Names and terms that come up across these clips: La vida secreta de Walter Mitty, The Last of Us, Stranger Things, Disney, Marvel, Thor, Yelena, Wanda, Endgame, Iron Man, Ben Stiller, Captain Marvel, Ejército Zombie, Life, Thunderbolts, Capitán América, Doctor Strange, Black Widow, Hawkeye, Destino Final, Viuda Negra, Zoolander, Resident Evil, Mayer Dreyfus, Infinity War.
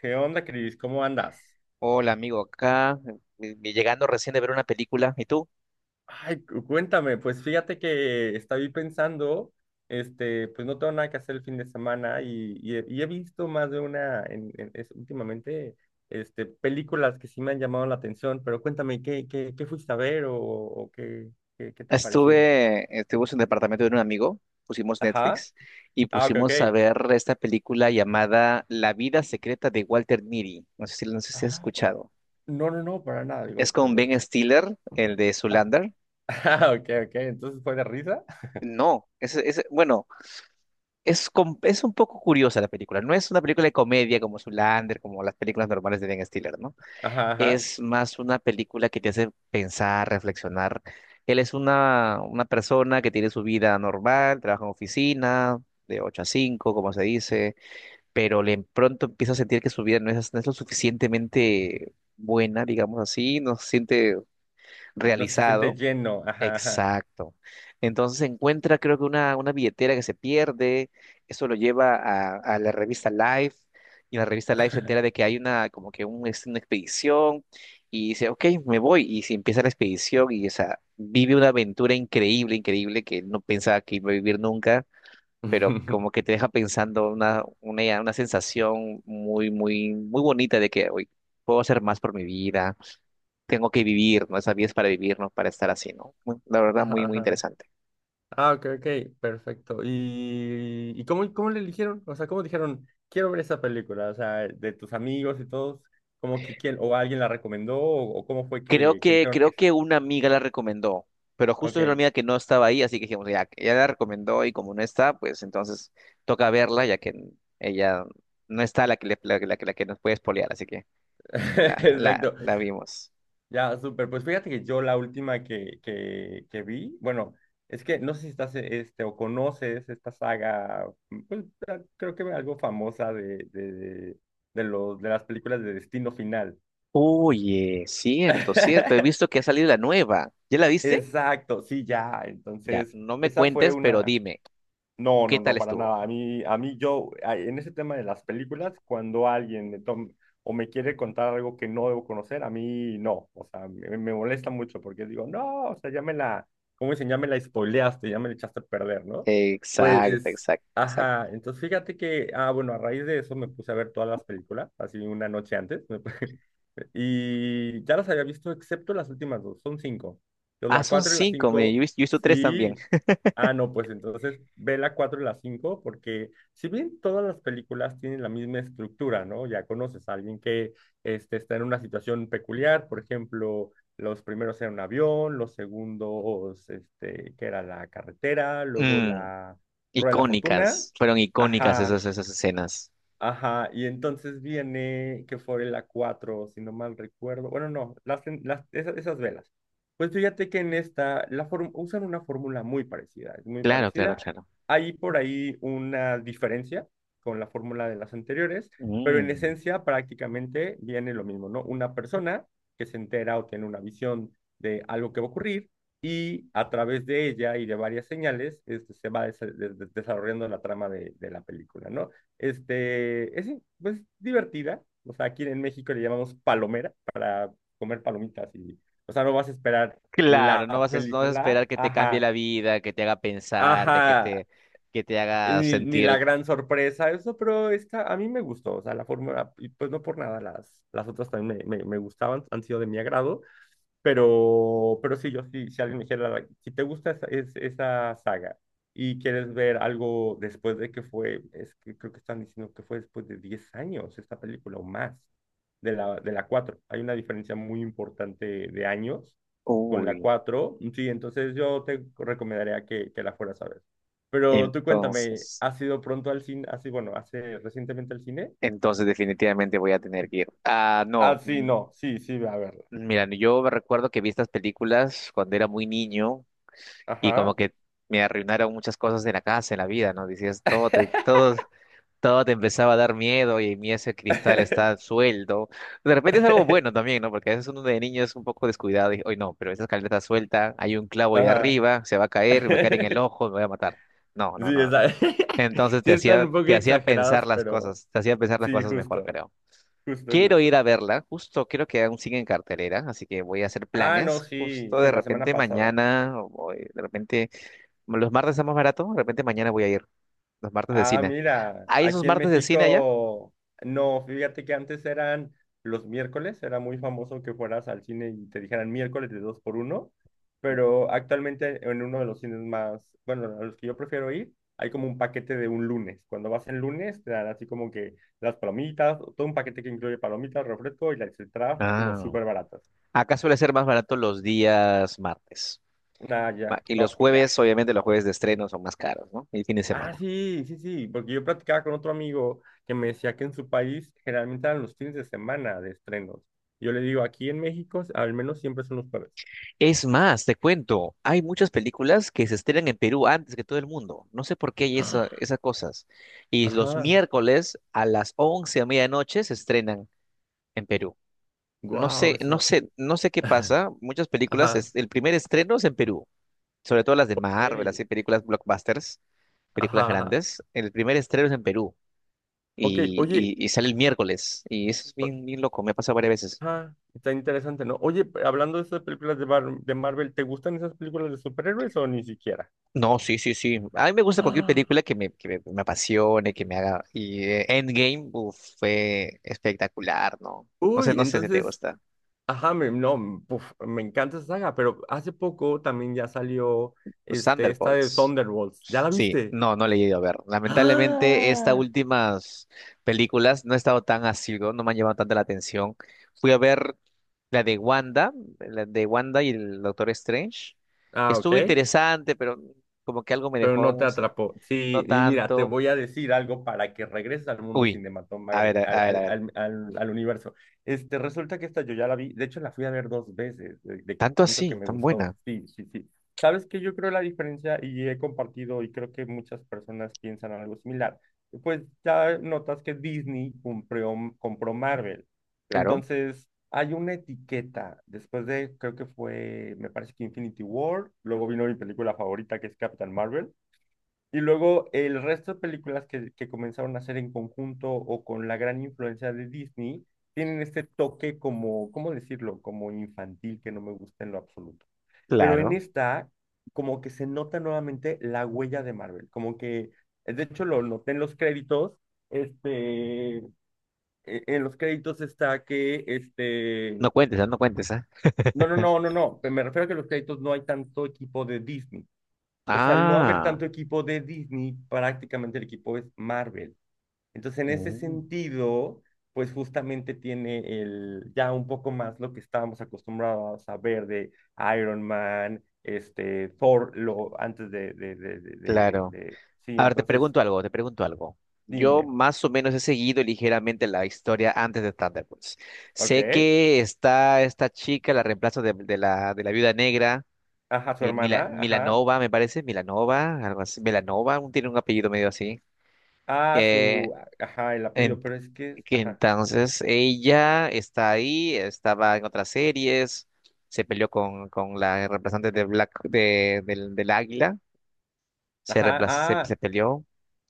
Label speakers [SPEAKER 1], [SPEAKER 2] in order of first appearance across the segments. [SPEAKER 1] ¿Qué onda, Cris? ¿Cómo andas?
[SPEAKER 2] Hola, amigo, acá llegando recién de ver una película. ¿Y tú?
[SPEAKER 1] Ay, cuéntame, pues fíjate que estaba ahí pensando, pues no tengo nada que hacer el fin de semana y he visto más de una últimamente, películas que sí me han llamado la atención, pero cuéntame, ¿qué fuiste a ver o qué, qué te pareció?
[SPEAKER 2] Estuvimos en el departamento de un amigo, pusimos
[SPEAKER 1] Ajá.
[SPEAKER 2] Netflix y
[SPEAKER 1] Ah, ok,
[SPEAKER 2] pusimos a
[SPEAKER 1] ok.
[SPEAKER 2] ver esta película llamada La vida secreta de Walter Mitty. No sé si has
[SPEAKER 1] Ah,
[SPEAKER 2] escuchado.
[SPEAKER 1] no, no, no, para nada,
[SPEAKER 2] Es
[SPEAKER 1] digo, por
[SPEAKER 2] con Ben
[SPEAKER 1] los...
[SPEAKER 2] Stiller, el de
[SPEAKER 1] Ah,
[SPEAKER 2] Zoolander.
[SPEAKER 1] ah, ok, ok, entonces fue de risa.
[SPEAKER 2] No, es bueno, es un poco curiosa la película. No es una película de comedia como Zoolander, como las películas normales de Ben Stiller, ¿no?
[SPEAKER 1] Ajá, ajá.
[SPEAKER 2] Es más una película que te hace pensar, reflexionar. Él es una persona que tiene su vida normal, trabaja en oficina, de 8 a 5 como se dice, pero le pronto empieza a sentir que su vida no es lo suficientemente buena, digamos así, no se siente
[SPEAKER 1] No se siente
[SPEAKER 2] realizado.
[SPEAKER 1] lleno, ajá, ajá.
[SPEAKER 2] Exacto. Entonces encuentra, creo que una billetera que se pierde, eso lo lleva a la revista Life, y la revista Life se entera de que hay una, como que un, es una expedición, y dice, ok, me voy, y se empieza la expedición, y o sea, vive una aventura increíble, increíble, que no pensaba que iba a vivir nunca, pero como que te deja pensando una sensación muy, muy, muy bonita de que, hoy puedo hacer más por mi vida, tengo que vivir, ¿no? Esa vida es para vivir, no para estar así, ¿no? La verdad, muy,
[SPEAKER 1] Ajá,
[SPEAKER 2] muy
[SPEAKER 1] ajá.
[SPEAKER 2] interesante.
[SPEAKER 1] Ah, ok, ok, perfecto. ¿Y, cómo le eligieron? O sea, ¿cómo dijeron, quiero ver esa película? O sea, de tus amigos y todos, ¿cómo que quién, o alguien la recomendó, o cómo fue
[SPEAKER 2] Creo
[SPEAKER 1] que
[SPEAKER 2] que,
[SPEAKER 1] dijeron que
[SPEAKER 2] creo
[SPEAKER 1] esa?
[SPEAKER 2] que una amiga la recomendó, pero justo
[SPEAKER 1] Ok,
[SPEAKER 2] es una amiga que no estaba ahí, así que dijimos, ya, ella la recomendó y como no está, pues entonces toca verla, ya que ella no está la que, le- la, que- la, que la que nos puede spoilear, así que la, la,
[SPEAKER 1] exacto.
[SPEAKER 2] la vimos.
[SPEAKER 1] Ya, súper. Pues fíjate que yo la última que vi, bueno, es que no sé si estás, o conoces esta saga, pues ah, creo que algo famosa los, de las películas de Destino Final.
[SPEAKER 2] Oye, cierto, cierto, he visto que ha salido la nueva. ¿Ya la viste?
[SPEAKER 1] Exacto, sí, ya.
[SPEAKER 2] Ya,
[SPEAKER 1] Entonces,
[SPEAKER 2] no me
[SPEAKER 1] esa fue
[SPEAKER 2] cuentes, pero
[SPEAKER 1] una...
[SPEAKER 2] dime,
[SPEAKER 1] No,
[SPEAKER 2] ¿qué
[SPEAKER 1] no, no,
[SPEAKER 2] tal
[SPEAKER 1] para
[SPEAKER 2] estuvo?
[SPEAKER 1] nada. A mí yo, a- En ese tema de las películas, cuando alguien me toma o me quiere contar algo que no debo conocer, a mí no. O sea, me molesta mucho porque digo, no, o sea, ya me la, ¿cómo dicen? Ya me la spoileaste, ya me la echaste a perder, ¿no?
[SPEAKER 2] Exacto,
[SPEAKER 1] Pues,
[SPEAKER 2] exacto, exacto.
[SPEAKER 1] ajá. Entonces, fíjate que, ah, bueno, a raíz de eso me puse a ver todas las películas, así una noche antes. Y ya las había visto, excepto las últimas dos, son cinco. Entonces,
[SPEAKER 2] Ah,
[SPEAKER 1] la
[SPEAKER 2] son
[SPEAKER 1] cuatro y la
[SPEAKER 2] cinco, mire, yo, he
[SPEAKER 1] cinco,
[SPEAKER 2] vis- yo he visto tres también.
[SPEAKER 1] sí. Ah, no, pues entonces ve la cuatro y la cinco, porque si bien todas las películas tienen la misma estructura, ¿no? Ya conoces a alguien que está en una situación peculiar, por ejemplo, los primeros eran un avión, los segundos, que era la carretera, luego
[SPEAKER 2] Mm,
[SPEAKER 1] la rueda de la fortuna.
[SPEAKER 2] icónicas, fueron icónicas
[SPEAKER 1] Ajá,
[SPEAKER 2] esas escenas.
[SPEAKER 1] ajá, y entonces viene que fue la 4 si no mal recuerdo. Bueno, no, esas, esas velas. Pues fíjate que en esta usan una fórmula muy parecida, es muy
[SPEAKER 2] Claro, claro,
[SPEAKER 1] parecida.
[SPEAKER 2] claro.
[SPEAKER 1] Hay por ahí una diferencia con la fórmula de las anteriores, pero en
[SPEAKER 2] Mm,
[SPEAKER 1] esencia prácticamente viene lo mismo, ¿no? Una persona que se entera o tiene una visión de algo que va a ocurrir y a través de ella y de varias señales se va desarrollando la trama de la película, ¿no? Es pues, divertida. O sea, aquí en México le llamamos palomera, para comer palomitas. Y, o sea, no vas a esperar la
[SPEAKER 2] claro, no vas a
[SPEAKER 1] película.
[SPEAKER 2] esperar que te cambie
[SPEAKER 1] Ajá,
[SPEAKER 2] la vida, que te haga pensar, de
[SPEAKER 1] ajá.
[SPEAKER 2] que te haga
[SPEAKER 1] Ni, ni la
[SPEAKER 2] sentir.
[SPEAKER 1] gran sorpresa, eso, pero esta a mí me gustó, o sea, la fórmula, y pues no por nada, las otras también me gustaban, han sido de mi agrado, pero sí, yo sí, si alguien me dijera, like, si te gusta esa, esa saga y quieres ver algo después de que fue, es que creo que están diciendo que fue después de 10 años esta película o más de la cuatro. Hay una diferencia muy importante de años con la
[SPEAKER 2] Uy,
[SPEAKER 1] cuatro. Sí, entonces yo te recomendaría que la fueras a ver. Pero tú cuéntame,
[SPEAKER 2] entonces,
[SPEAKER 1] ¿has ido pronto al cine? Así, bueno, ¿hace recientemente al cine?
[SPEAKER 2] entonces definitivamente voy a tener que ir. Ah,
[SPEAKER 1] Ah,
[SPEAKER 2] no,
[SPEAKER 1] sí, no, sí, sí, ve a verla.
[SPEAKER 2] mira, yo me recuerdo que vi estas películas cuando era muy niño y como
[SPEAKER 1] Ajá.
[SPEAKER 2] que me arruinaron muchas cosas de la casa, en la vida, ¿no? Decías, todo, te- todo. Todo te empezaba a dar miedo y mi ese cristal está suelto. De repente es algo bueno también, ¿no? Porque a veces uno de niño es un poco descuidado y, hoy no, pero esa escalera está suelta, hay un clavo ahí
[SPEAKER 1] Ajá.
[SPEAKER 2] arriba, se va a caer, me va a caer en el ojo, me voy a matar. No, no,
[SPEAKER 1] Sí,
[SPEAKER 2] no, no. No.
[SPEAKER 1] esa-
[SPEAKER 2] Entonces
[SPEAKER 1] sí están un poco
[SPEAKER 2] te hacía pensar
[SPEAKER 1] exageradas,
[SPEAKER 2] las
[SPEAKER 1] pero
[SPEAKER 2] cosas, te hacía pensar las
[SPEAKER 1] sí,
[SPEAKER 2] cosas mejor,
[SPEAKER 1] justo,
[SPEAKER 2] creo.
[SPEAKER 1] justo,
[SPEAKER 2] Quiero
[SPEAKER 1] justo.
[SPEAKER 2] ir a verla, justo creo que aún sigue en cartelera, así que voy a hacer
[SPEAKER 1] Ah, no,
[SPEAKER 2] planes,
[SPEAKER 1] sí,
[SPEAKER 2] justo
[SPEAKER 1] sí,
[SPEAKER 2] de
[SPEAKER 1] la semana
[SPEAKER 2] repente
[SPEAKER 1] pasada.
[SPEAKER 2] mañana, o de repente, los martes está más barato, de repente mañana voy a ir, los martes de
[SPEAKER 1] Ah,
[SPEAKER 2] cine.
[SPEAKER 1] mira,
[SPEAKER 2] ¿Hay esos
[SPEAKER 1] aquí en
[SPEAKER 2] martes de cine allá?
[SPEAKER 1] México, no, fíjate que antes eran los miércoles, era muy famoso que fueras al cine y te dijeran miércoles de dos por uno, pero actualmente en uno de los cines más, bueno, a los que yo prefiero ir, hay como un paquete de un lunes. Cuando vas en lunes, te dan así como que las palomitas, todo un paquete que incluye palomitas, refresco y las entradas, así como
[SPEAKER 2] Ah,
[SPEAKER 1] súper baratas.
[SPEAKER 2] acá suele ser más barato los días martes.
[SPEAKER 1] Ah,
[SPEAKER 2] Va.
[SPEAKER 1] ya,
[SPEAKER 2] Y los
[SPEAKER 1] no, pues ya.
[SPEAKER 2] jueves, obviamente, los jueves de estreno son más caros, ¿no? El fin de
[SPEAKER 1] Ah,
[SPEAKER 2] semana.
[SPEAKER 1] sí, sí, sí, porque yo platicaba con otro amigo que me decía que en su país generalmente eran los fines de semana de estrenos. Yo le digo, aquí en México al menos siempre son los jueves.
[SPEAKER 2] Es más, te cuento, hay muchas películas que se estrenan en Perú antes que todo el mundo. No sé por qué hay
[SPEAKER 1] Ah,
[SPEAKER 2] esas cosas. Y los
[SPEAKER 1] ajá,
[SPEAKER 2] miércoles a las 11 a medianoche se estrenan en Perú. No
[SPEAKER 1] wow,
[SPEAKER 2] sé, no
[SPEAKER 1] eso.
[SPEAKER 2] sé, no sé qué pasa. Muchas películas,
[SPEAKER 1] Ajá,
[SPEAKER 2] es- el primer estreno es en Perú. Sobre todo las de Marvel,
[SPEAKER 1] Ey,
[SPEAKER 2] así películas blockbusters, películas
[SPEAKER 1] ajá, ajá.
[SPEAKER 2] grandes. El primer estreno es en Perú.
[SPEAKER 1] Ok,
[SPEAKER 2] Y,
[SPEAKER 1] oye,
[SPEAKER 2] y sale el miércoles. Y eso es
[SPEAKER 1] o-
[SPEAKER 2] bien, bien loco, me ha pasado varias veces.
[SPEAKER 1] ajá, está interesante, ¿no? Oye, hablando de esas películas de, de Marvel, ¿te gustan esas películas de superhéroes o ni siquiera?
[SPEAKER 2] No, sí, sí, sí. A mí me gusta cualquier
[SPEAKER 1] Ah,
[SPEAKER 2] película que me apasione, que me haga. Y Endgame, uf, fue espectacular, ¿no? No sé,
[SPEAKER 1] uy,
[SPEAKER 2] no sé si te
[SPEAKER 1] entonces.
[SPEAKER 2] gusta.
[SPEAKER 1] Ajá, me, no, m- puf, me encanta esa saga, pero hace poco también ya salió
[SPEAKER 2] Los
[SPEAKER 1] esta de
[SPEAKER 2] Thunderbolts.
[SPEAKER 1] Thunderbolts. ¿Ya la
[SPEAKER 2] Sí,
[SPEAKER 1] viste?
[SPEAKER 2] no, no le he ido a ver. Lamentablemente, estas
[SPEAKER 1] ¡Ah!
[SPEAKER 2] últimas películas no he estado tan asiduo, no me han llamado tanta la atención. Fui a ver la de Wanda, la de Wanda y el Doctor Strange.
[SPEAKER 1] Ah, ok.
[SPEAKER 2] Estuvo interesante, pero como que algo me
[SPEAKER 1] Pero
[SPEAKER 2] dejó
[SPEAKER 1] no te atrapó.
[SPEAKER 2] no
[SPEAKER 1] Sí, y mira, te
[SPEAKER 2] tanto.
[SPEAKER 1] voy a decir algo para que regreses al mundo
[SPEAKER 2] Uy, a ver,
[SPEAKER 1] cinematográfico,
[SPEAKER 2] a a ver, a ver.
[SPEAKER 1] al universo. Este, resulta que esta yo ya la vi, de hecho la fui a ver dos veces, de que
[SPEAKER 2] Tanto
[SPEAKER 1] tanto que
[SPEAKER 2] así,
[SPEAKER 1] me
[SPEAKER 2] tan buena.
[SPEAKER 1] gustó. Sí, sí, sí. ¿Sabes qué? Yo creo la diferencia y he compartido y creo que muchas personas piensan algo similar. Pues ya notas que Disney cumplió, compró Marvel.
[SPEAKER 2] Claro,
[SPEAKER 1] Entonces, hay una etiqueta, después de, creo que fue, me parece que Infinity War, luego vino mi película favorita que es Captain Marvel, y luego el resto de películas que comenzaron a hacer en conjunto o con la gran influencia de Disney tienen este toque como, ¿cómo decirlo? Como infantil que no me gusta en lo absoluto. Pero en
[SPEAKER 2] claro.
[SPEAKER 1] esta, como que se nota nuevamente la huella de Marvel, como que, de hecho lo noté en los créditos, este, en los créditos está que, este,
[SPEAKER 2] No cuentes, ah, no cuentes, ¿ah?
[SPEAKER 1] no, no, no, no, no, me refiero a que en los créditos no hay tanto equipo de Disney, entonces, al no haber
[SPEAKER 2] Ah,
[SPEAKER 1] tanto equipo de Disney, prácticamente el equipo es Marvel. Entonces, en ese
[SPEAKER 2] mm,
[SPEAKER 1] sentido, pues justamente tiene el, ya un poco más lo que estábamos acostumbrados a ver de Iron Man, este, Thor, lo, antes
[SPEAKER 2] claro.
[SPEAKER 1] sí,
[SPEAKER 2] A ver, te
[SPEAKER 1] entonces,
[SPEAKER 2] pregunto algo, te pregunto algo. Yo
[SPEAKER 1] dime,
[SPEAKER 2] más o menos he seguido ligeramente la historia antes de Thunderbolts. Sé
[SPEAKER 1] ¿ok?
[SPEAKER 2] que está esta chica, la reemplazo de la viuda negra,
[SPEAKER 1] Ajá, su
[SPEAKER 2] Mi- Mila-
[SPEAKER 1] hermana, ajá,
[SPEAKER 2] Milanova, me parece, Milanova, algo así, Milanova, un- tiene un apellido medio así.
[SPEAKER 1] ah, su,
[SPEAKER 2] Eh,
[SPEAKER 1] ajá, el
[SPEAKER 2] en-
[SPEAKER 1] apellido, pero es que,
[SPEAKER 2] que
[SPEAKER 1] ajá,
[SPEAKER 2] entonces ella está ahí, estaba en otras series, se peleó con la reemplazante de Black, de, del Águila se,
[SPEAKER 1] ajá,
[SPEAKER 2] reemplaz- se, se
[SPEAKER 1] ah,
[SPEAKER 2] peleó.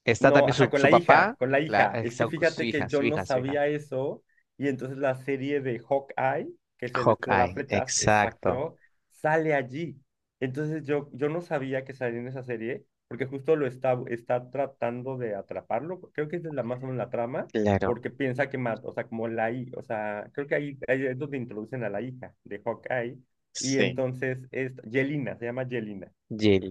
[SPEAKER 2] Está
[SPEAKER 1] no,
[SPEAKER 2] también
[SPEAKER 1] ajá,
[SPEAKER 2] su,
[SPEAKER 1] con
[SPEAKER 2] su
[SPEAKER 1] la hija,
[SPEAKER 2] papá,
[SPEAKER 1] con la
[SPEAKER 2] claro,
[SPEAKER 1] hija. Es que
[SPEAKER 2] su
[SPEAKER 1] fíjate que
[SPEAKER 2] hija,
[SPEAKER 1] yo
[SPEAKER 2] su
[SPEAKER 1] no
[SPEAKER 2] hija, su hija.
[SPEAKER 1] sabía eso y entonces la serie de Hawkeye, que es el este de las
[SPEAKER 2] Hawkeye,
[SPEAKER 1] flechas,
[SPEAKER 2] exacto,
[SPEAKER 1] exacto, sale allí. Entonces yo no sabía que salía en esa serie porque justo está tratando de atraparlo. Creo que esa es la más o menos la trama
[SPEAKER 2] claro,
[SPEAKER 1] porque piensa que mata, o sea, como la hija, o sea, creo que ahí, ahí es donde introducen a la hija de Hawkeye y
[SPEAKER 2] sí.
[SPEAKER 1] entonces es Yelena, se llama Yelena.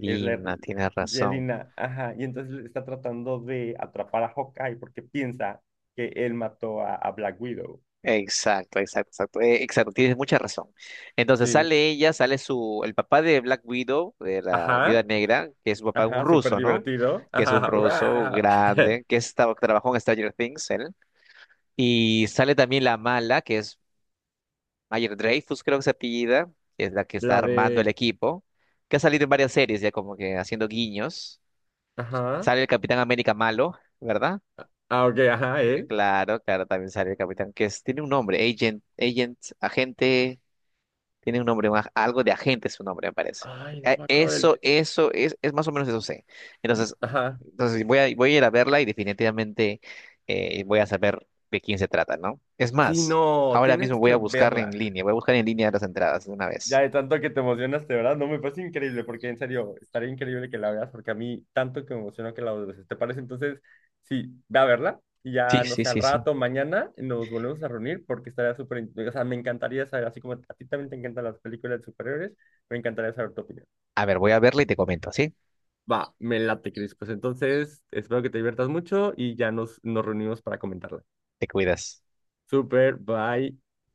[SPEAKER 1] Es la
[SPEAKER 2] tiene razón.
[SPEAKER 1] Yelena, ajá, y entonces le está tratando de atrapar a Hawkeye porque piensa que él mató a Black Widow.
[SPEAKER 2] Exacto, exacto, exacto, exacto, tienes mucha razón. Entonces
[SPEAKER 1] Sí,
[SPEAKER 2] sale ella, sale su, el papá de Black Widow, de la Viuda
[SPEAKER 1] ajá,
[SPEAKER 2] Negra, que es su papá un
[SPEAKER 1] ajá, súper
[SPEAKER 2] ruso, ¿no?
[SPEAKER 1] divertido.
[SPEAKER 2] Que es un
[SPEAKER 1] Ajá,
[SPEAKER 2] ruso
[SPEAKER 1] ¡guau!
[SPEAKER 2] grande, que trabajó en Stranger Things, él. Y sale también la mala, que es Mayer Dreyfus, creo que se apellida, que es la que está
[SPEAKER 1] La
[SPEAKER 2] armando el
[SPEAKER 1] de,
[SPEAKER 2] equipo, que ha salido en varias series ya como que haciendo guiños.
[SPEAKER 1] ajá,
[SPEAKER 2] Sale el Capitán América malo, ¿verdad?
[SPEAKER 1] ah, ok, ajá, él.
[SPEAKER 2] Claro, claro, también sale el Capitán, que tiene un nombre, Agent, Agent, agente, tiene un nombre, algo de agente es su nombre, me parece.
[SPEAKER 1] Ay, no me acuerdo del...
[SPEAKER 2] Eso,
[SPEAKER 1] te-
[SPEAKER 2] eso, es más o menos eso sé. Entonces,
[SPEAKER 1] Ajá.
[SPEAKER 2] entonces voy a ir a verla y definitivamente voy a saber de quién se trata, ¿no? Es
[SPEAKER 1] Sí,
[SPEAKER 2] más,
[SPEAKER 1] no,
[SPEAKER 2] ahora
[SPEAKER 1] tienes
[SPEAKER 2] mismo voy
[SPEAKER 1] que
[SPEAKER 2] a buscar en
[SPEAKER 1] verla.
[SPEAKER 2] línea, voy a buscar en línea las entradas de una
[SPEAKER 1] Ya
[SPEAKER 2] vez.
[SPEAKER 1] de tanto que te emocionaste, ¿verdad? No, me parece increíble, porque en serio, estaría increíble que la veas, porque a mí tanto que me emocionó que la veas. ¿Te parece? Entonces, sí, ve a verla y
[SPEAKER 2] Sí,
[SPEAKER 1] ya, no
[SPEAKER 2] sí,
[SPEAKER 1] sé, al
[SPEAKER 2] sí, sí.
[SPEAKER 1] rato, mañana nos volvemos a reunir porque estaría súper, in- o sea, me encantaría saber, así como a ti también te encantan las películas de superhéroes, me encantaría saber tu opinión.
[SPEAKER 2] A ver, voy a verla y te comento, ¿sí?
[SPEAKER 1] Va, me late, Cris. Pues entonces, espero que te diviertas mucho y ya nos reunimos para comentarla.
[SPEAKER 2] Te cuidas.
[SPEAKER 1] Súper, bye.